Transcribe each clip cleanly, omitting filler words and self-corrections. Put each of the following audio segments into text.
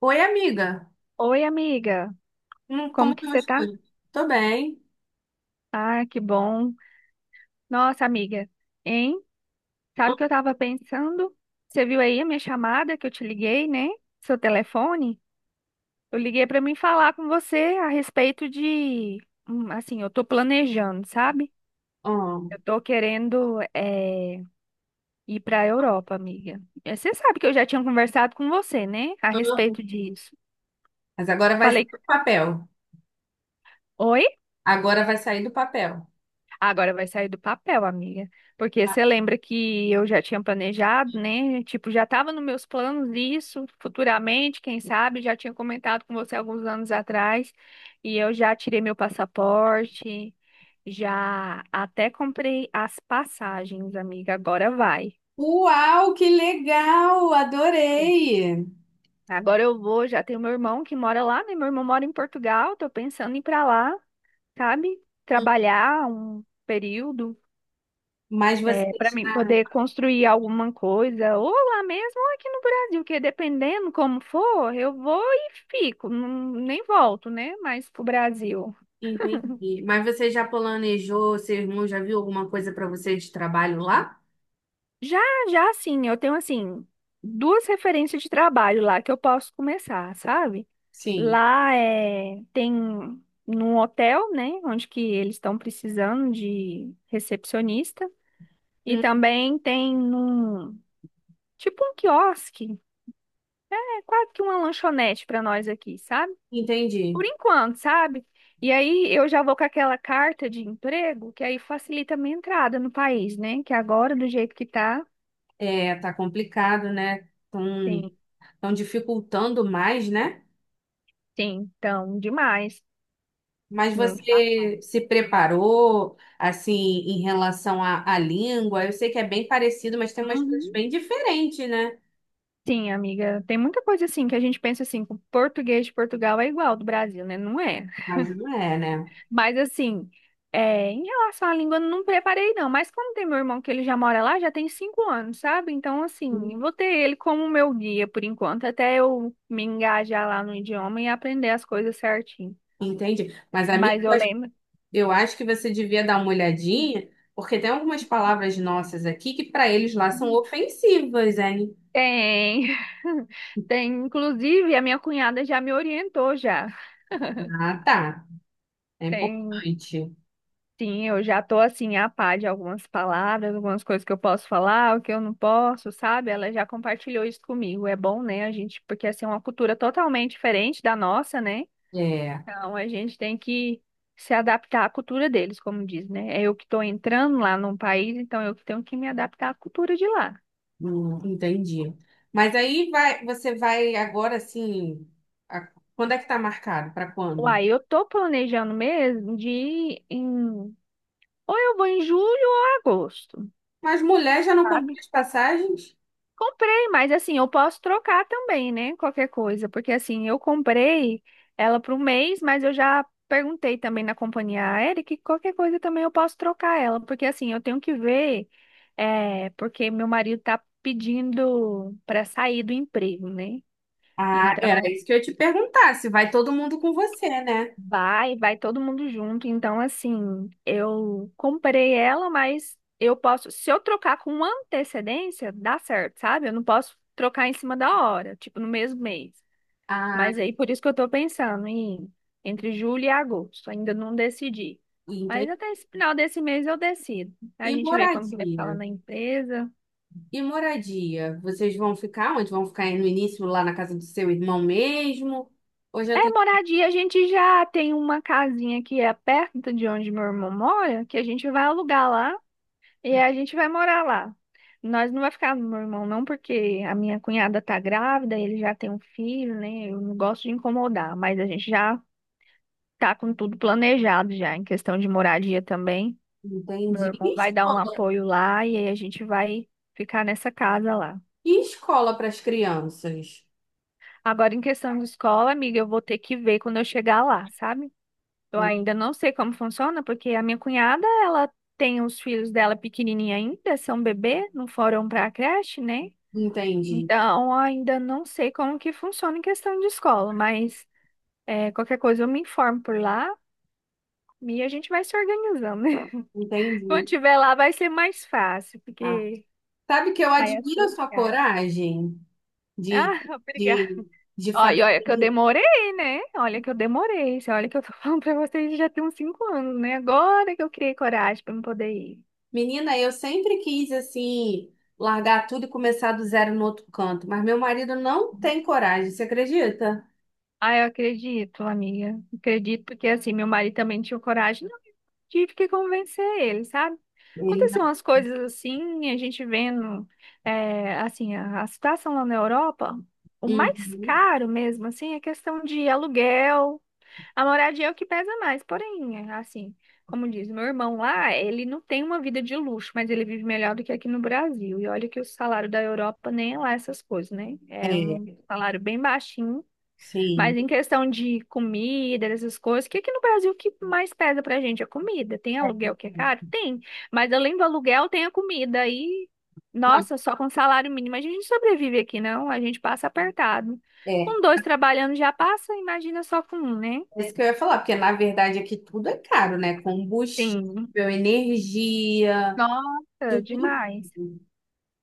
Oi, amiga. Oi, amiga. Como Como que estão você as tá? coisas? Tô bem. Ah, que bom. Nossa, amiga, hein? Sabe o que eu tava pensando? Você viu aí a minha chamada que eu te liguei, né? Seu telefone? Eu liguei pra mim falar com você a respeito de, assim, eu tô planejando, sabe? Eu Hum. tô querendo ir pra Europa, amiga. Você sabe que eu já tinha conversado com você, né? A respeito disso. Mas agora vai sair Falei, do papel. oi? Agora vai sair do papel. Agora vai sair do papel, amiga. Porque Ah. você lembra que eu já tinha planejado, né? Tipo, já estava nos meus planos isso, futuramente, quem sabe, já tinha comentado com você alguns anos atrás. E eu já tirei meu passaporte, já até comprei as passagens, amiga. Agora vai. Uau, que legal! Sim. Adorei! Agora eu vou, já tenho meu irmão que mora lá, né? Meu irmão mora em Portugal, tô pensando em ir pra lá, sabe? Hum. Trabalhar um período. Mas você... É, para mim poder construir alguma coisa, ou lá mesmo, ou aqui no Brasil, porque dependendo como for, eu vou e fico, nem volto, né? Mas pro Brasil. Entendi. Mas você já planejou, seu irmão já viu alguma coisa para você de trabalho lá? Já, já sim, eu tenho assim, duas referências de trabalho lá que eu posso começar, sabe? Sim. Lá é, tem num hotel, né? Onde que eles estão precisando de recepcionista. E Hum, também tem num, tipo um quiosque, é quase que uma lanchonete para nós aqui, sabe? Entendi. Por enquanto, sabe? E aí eu já vou com aquela carta de emprego, que aí facilita a minha entrada no país, né? Que agora, do jeito que tá, É, tá complicado, né? sim, Estão dificultando mais, né? sim, então, demais. Mas Não... você se preparou, assim, em relação à língua? Eu sei que é bem parecido, mas tem umas coisas Uhum. bem diferentes, né? Sim, amiga, tem muita coisa assim que a gente pensa assim, que o português de Portugal é igual ao do Brasil, né? Não é. Mas não é, né? Mas assim, é, em relação à língua, eu não preparei não. Mas como tem meu irmão que ele já mora lá, já tem 5 anos, sabe? Então, assim, eu vou ter ele como meu guia por enquanto, até eu me engajar lá no idioma e aprender as coisas certinho. Entendi. Mas, amigo, Mas eu eu acho lembro. eu acho que você devia dar uma olhadinha, porque tem algumas palavras nossas aqui que para eles lá são ofensivas, hein? Tem. Tem, inclusive, a minha cunhada já me orientou já. Ah, tá. É Tem. importante. Sim, eu já tô assim a par de algumas palavras, algumas coisas que eu posso falar, o que eu não posso, sabe? Ela já compartilhou isso comigo. É bom, né? A gente, porque assim é uma cultura totalmente diferente da nossa, né? É, Então a gente tem que se adaptar à cultura deles, como diz, né? É eu que tô entrando lá num país, então eu que tenho que me adaptar à cultura de lá. Entendi. Mas aí vai, você vai agora, assim, quando é que tá marcado? Para quando? Uai, eu tô planejando mesmo de ir em... ou eu vou em julho ou agosto, Mas mulher já não comprou sabe? as passagens? Comprei, mas assim, eu posso trocar também, né? Qualquer coisa, porque assim, eu comprei ela para um mês, mas eu já perguntei também na companhia aérea que qualquer coisa também eu posso trocar ela, porque assim, eu tenho que ver, é, porque meu marido tá pedindo para sair do emprego, né? Ah, era Então, isso que eu ia te perguntar, se vai todo mundo com você, né? vai, vai todo mundo junto. Então, assim, eu comprei ela, mas eu posso, se eu trocar com antecedência, dá certo, sabe? Eu não posso trocar em cima da hora, tipo no mesmo mês. Ah, Mas aí, por isso que eu tô pensando em entre julho e agosto. Ainda não decidi. Mas entendi. até esse final desse mês eu decido. A E gente vê como que vai ficar moradia? lá na empresa. E moradia? Vocês vão ficar onde? Vão ficar aí no início, lá na casa do seu irmão mesmo? Ou É, já tem... moradia, a gente já tem uma casinha que é perto de onde meu irmão mora, que a gente vai alugar lá. E a gente vai morar lá. Nós não vai ficar no meu irmão, não, porque a minha cunhada tá grávida, ele já tem um filho, né? Eu não gosto de incomodar, mas a gente já tá com tudo planejado já, em questão de moradia também. Meu Entendi. irmão E vai dar um escola? apoio lá e aí a gente vai ficar nessa casa lá. E escola para as crianças? Agora, em questão de escola, amiga, eu vou ter que ver quando eu chegar lá, sabe? Eu ainda não sei como funciona, porque a minha cunhada, ela tem os filhos dela pequenininha ainda, são bebê, não foram para a creche, né? Entendi. Então, ainda não sei como que funciona em questão de escola, mas é, qualquer coisa eu me informo por lá e a gente vai se organizando. Quando Entendi. tiver lá vai ser mais fácil, Ah, porque sabe que eu aí é admiro a coisas sua viajam. coragem de, Ah, obrigada. de, de Ó, e fazer. olha que eu demorei, né? Olha que eu demorei. Você olha que eu tô falando pra vocês já tem uns 5 anos, né? Agora que eu criei coragem pra me poder ir. Menina, eu sempre quis assim largar tudo e começar do zero no outro canto, mas meu marido não tem coragem, você acredita? Ah, eu acredito, amiga. Acredito, porque assim, meu marido também não tinha coragem, tive que convencer ele, sabe? Ele... Aconteceu umas coisas assim, a gente vendo, é, assim, a situação lá na Europa, o mais Uhum. caro mesmo, assim, é questão de aluguel, a moradia é o que pesa mais, porém, assim, como diz, meu irmão lá, ele não tem uma vida de luxo, mas ele vive melhor do que aqui no Brasil, e olha que o salário da Europa nem é lá essas coisas, né? É É, um salário bem baixinho, sim. mas em questão de comida, essas coisas, o que que no Brasil o que mais pesa pra gente? É comida. Tem É, aluguel que é caro? verdade. Tem. Mas além do aluguel, tem a comida. E, Não, nossa, só com salário mínimo a gente não sobrevive aqui, não. A gente passa apertado. é. Com dois trabalhando já passa, imagina só com um, né? É isso que eu ia falar, porque na verdade aqui tudo é caro, né? Tem. Combustível, energia, Nossa, tudo. demais.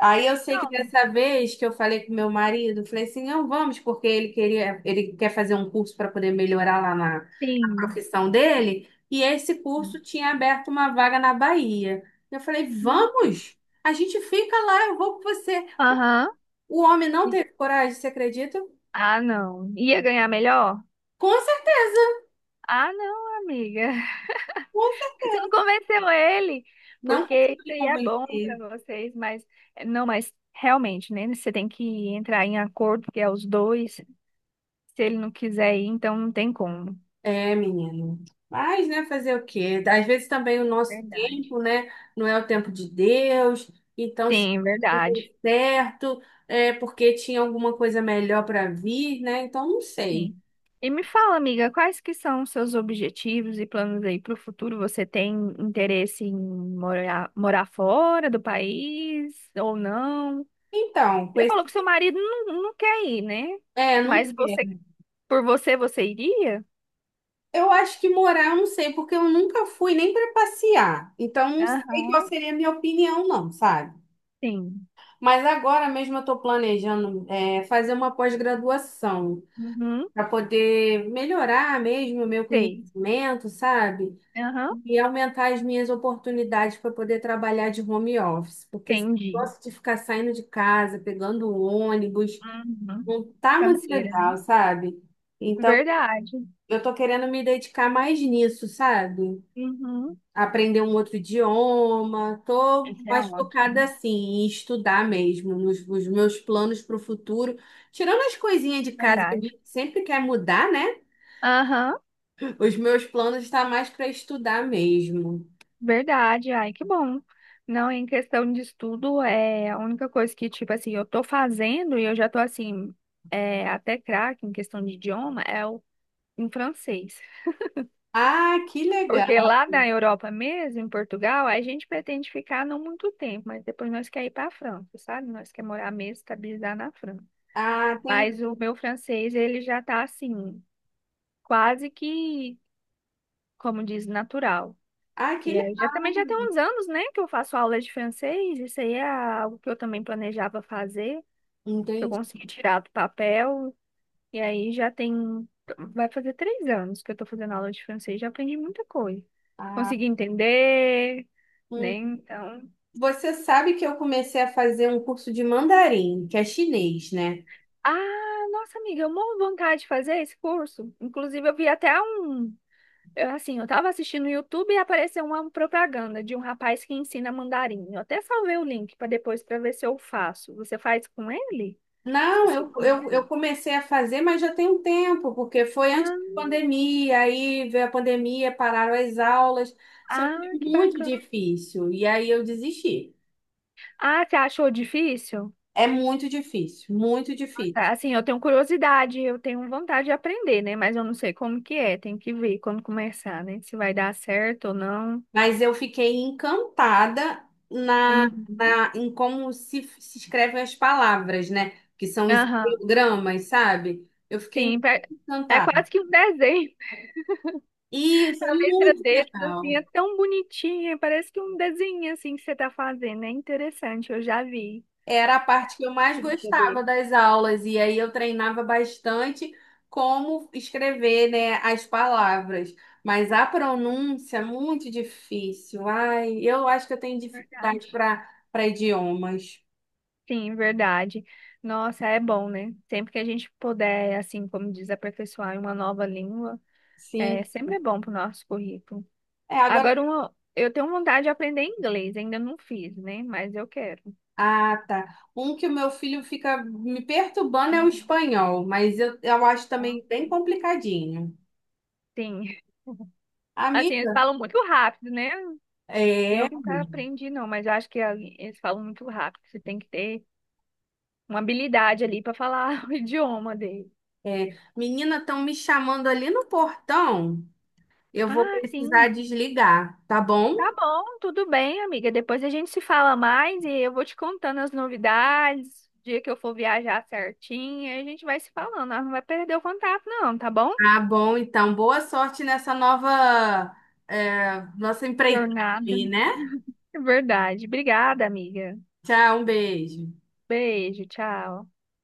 Aí eu sei que Não, dessa vez que eu falei com meu marido, eu falei assim, não vamos, porque ele queria, ele quer fazer um curso para poder melhorar lá na, na sim. profissão dele, e esse curso tinha aberto uma vaga na Bahia. Eu falei, vamos, a gente fica lá, eu vou com você. Aham. O homem não E- teve coragem, você acredita? Ah, não. Ia ganhar melhor? Com certeza, Ah, não, amiga. com certeza. Você não convenceu ele, Não porque isso consegui seria bom para convencer. vocês, mas não, mas realmente, né? Você tem que entrar em acordo, que é os dois. Se ele não quiser ir, então não tem como. É, menino. Mas, né, fazer o quê? Às vezes também o nosso Verdade. tempo, né, não é o tempo de Deus. Então, se Sim, tudo verdade. deu certo, é porque tinha alguma coisa melhor para vir, né? Então, não sei. Sim. E me fala, amiga, quais que são os seus objetivos e planos aí para o futuro? Você tem interesse em morar, morar fora do país ou não? Então, com Você falou que esse... seu marido não, não quer ir, né? É, não Mas você, sei. por você, você iria? Eu acho que morar, eu não sei, porque eu nunca fui nem para passear. Então, não sei qual Aham, seria a minha opinião, não, sabe? sim. Mas agora mesmo eu estou planejando, fazer uma pós-graduação, Uhum, para poder melhorar mesmo o meu sei. conhecimento, sabe? Aham, E aumentar as minhas oportunidades para poder trabalhar de home office, porque esse entendi. negócio de ficar saindo de casa, pegando ônibus, Uhum. não tá muito Canseira, né? legal, sabe? Então, Verdade. eu tô querendo me dedicar mais nisso, sabe? Uhum. Aprender um outro idioma, tô Isso é mais focada ótimo. assim, em estudar mesmo, nos meus planos para o futuro. Tirando as coisinhas de casa que a Verdade. gente sempre quer mudar, né? Aham, Os meus planos estão mais para estudar mesmo. verdade. Ai, que bom. Não, em questão de estudo, é a única coisa que, tipo assim, eu tô fazendo e eu já tô assim, é, até craque em questão de idioma, é o em francês. Ah, que Porque legal. lá na Europa mesmo, em Portugal, a gente pretende ficar não muito tempo, mas depois nós quer ir para a França, sabe? Nós quer morar mesmo, estabilizar na França. Ah, tem. Mas o meu francês, ele já tá assim, quase que, como diz, natural. Ah, que E aí, já também já tem legal. uns anos, né, que eu faço aulas de francês, isso aí é algo que eu também planejava fazer, que eu Entendi. consegui tirar do papel. E aí já tem, vai fazer 3 anos que eu tô fazendo aula de francês, já aprendi muita coisa. Ah, Consegui entender, né? hum. Então. Você sabe que eu comecei a fazer um curso de mandarim, que é chinês, né? Ah, nossa amiga, eu morro de vontade de fazer esse curso. Inclusive, eu vi até um. Assim, eu tava assistindo no YouTube e apareceu uma propaganda de um rapaz que ensina mandarim. Eu até salvei o link para depois para ver se eu faço. Você faz com ele? Não, Esqueci o eu, nome eu, eu dele. comecei a fazer, mas já tem um tempo, porque foi Ah, antes da pandemia, aí veio a pandemia, pararam as aulas, só que é ah, que muito bacana. difícil, e aí eu desisti. Ah, você achou difícil? É muito difícil, muito Ah, tá. difícil. Assim, eu tenho curiosidade, eu tenho vontade de aprender, né? Mas eu não sei como que é, tem que ver como começar, né? Se vai dar certo ou não. Mas eu fiquei encantada na, Uhum. Em como se escrevem as palavras, né? Que são os Aham. ideogramas, sabe? Eu fiquei Sim, muito é encantada. quase que um desenho. Isso é A letra muito deles, assim, legal. é tão bonitinha. Parece que um desenho, assim, que você tá fazendo. É interessante, eu já vi. Era a parte que eu mais Escrita gostava dele. das aulas, e aí eu treinava bastante como escrever, né, as palavras. Mas a pronúncia é muito difícil. Ai, eu acho que eu tenho Verdade. dificuldade para idiomas. Sim, verdade. Nossa, é bom, né? Sempre que a gente puder, assim, como diz, aperfeiçoar em uma nova língua, Sim. sempre é bom pro nosso currículo. É, agora Agora, uma, eu tenho vontade de aprender inglês. Ainda não fiz, né? Mas eu quero. Ah, tá. Um que o meu filho fica me perturbando é o Uhum. espanhol, mas eu acho Então, também bem complicadinho. sim. Assim, eles Amiga, falam muito rápido, né? é, é, Eu nunca aprendi, não, mas eu acho que ali eles falam muito rápido. Você tem que ter uma habilidade ali para falar o idioma dele. menina, estão me chamando ali no portão. Eu vou Ah, precisar sim. desligar, tá bom? Tá bom, tudo bem, amiga. Depois a gente se fala mais e eu vou te contando as novidades. O dia que eu for viajar certinho, aí a gente vai se falando. Nós Não vai perder o contato, não, tá bom? Tá bom, então. Boa sorte nessa nova, nossa empreitada Jornada. aí, né? É verdade. Obrigada, amiga. Tchau, um beijo. Beijo, tchau.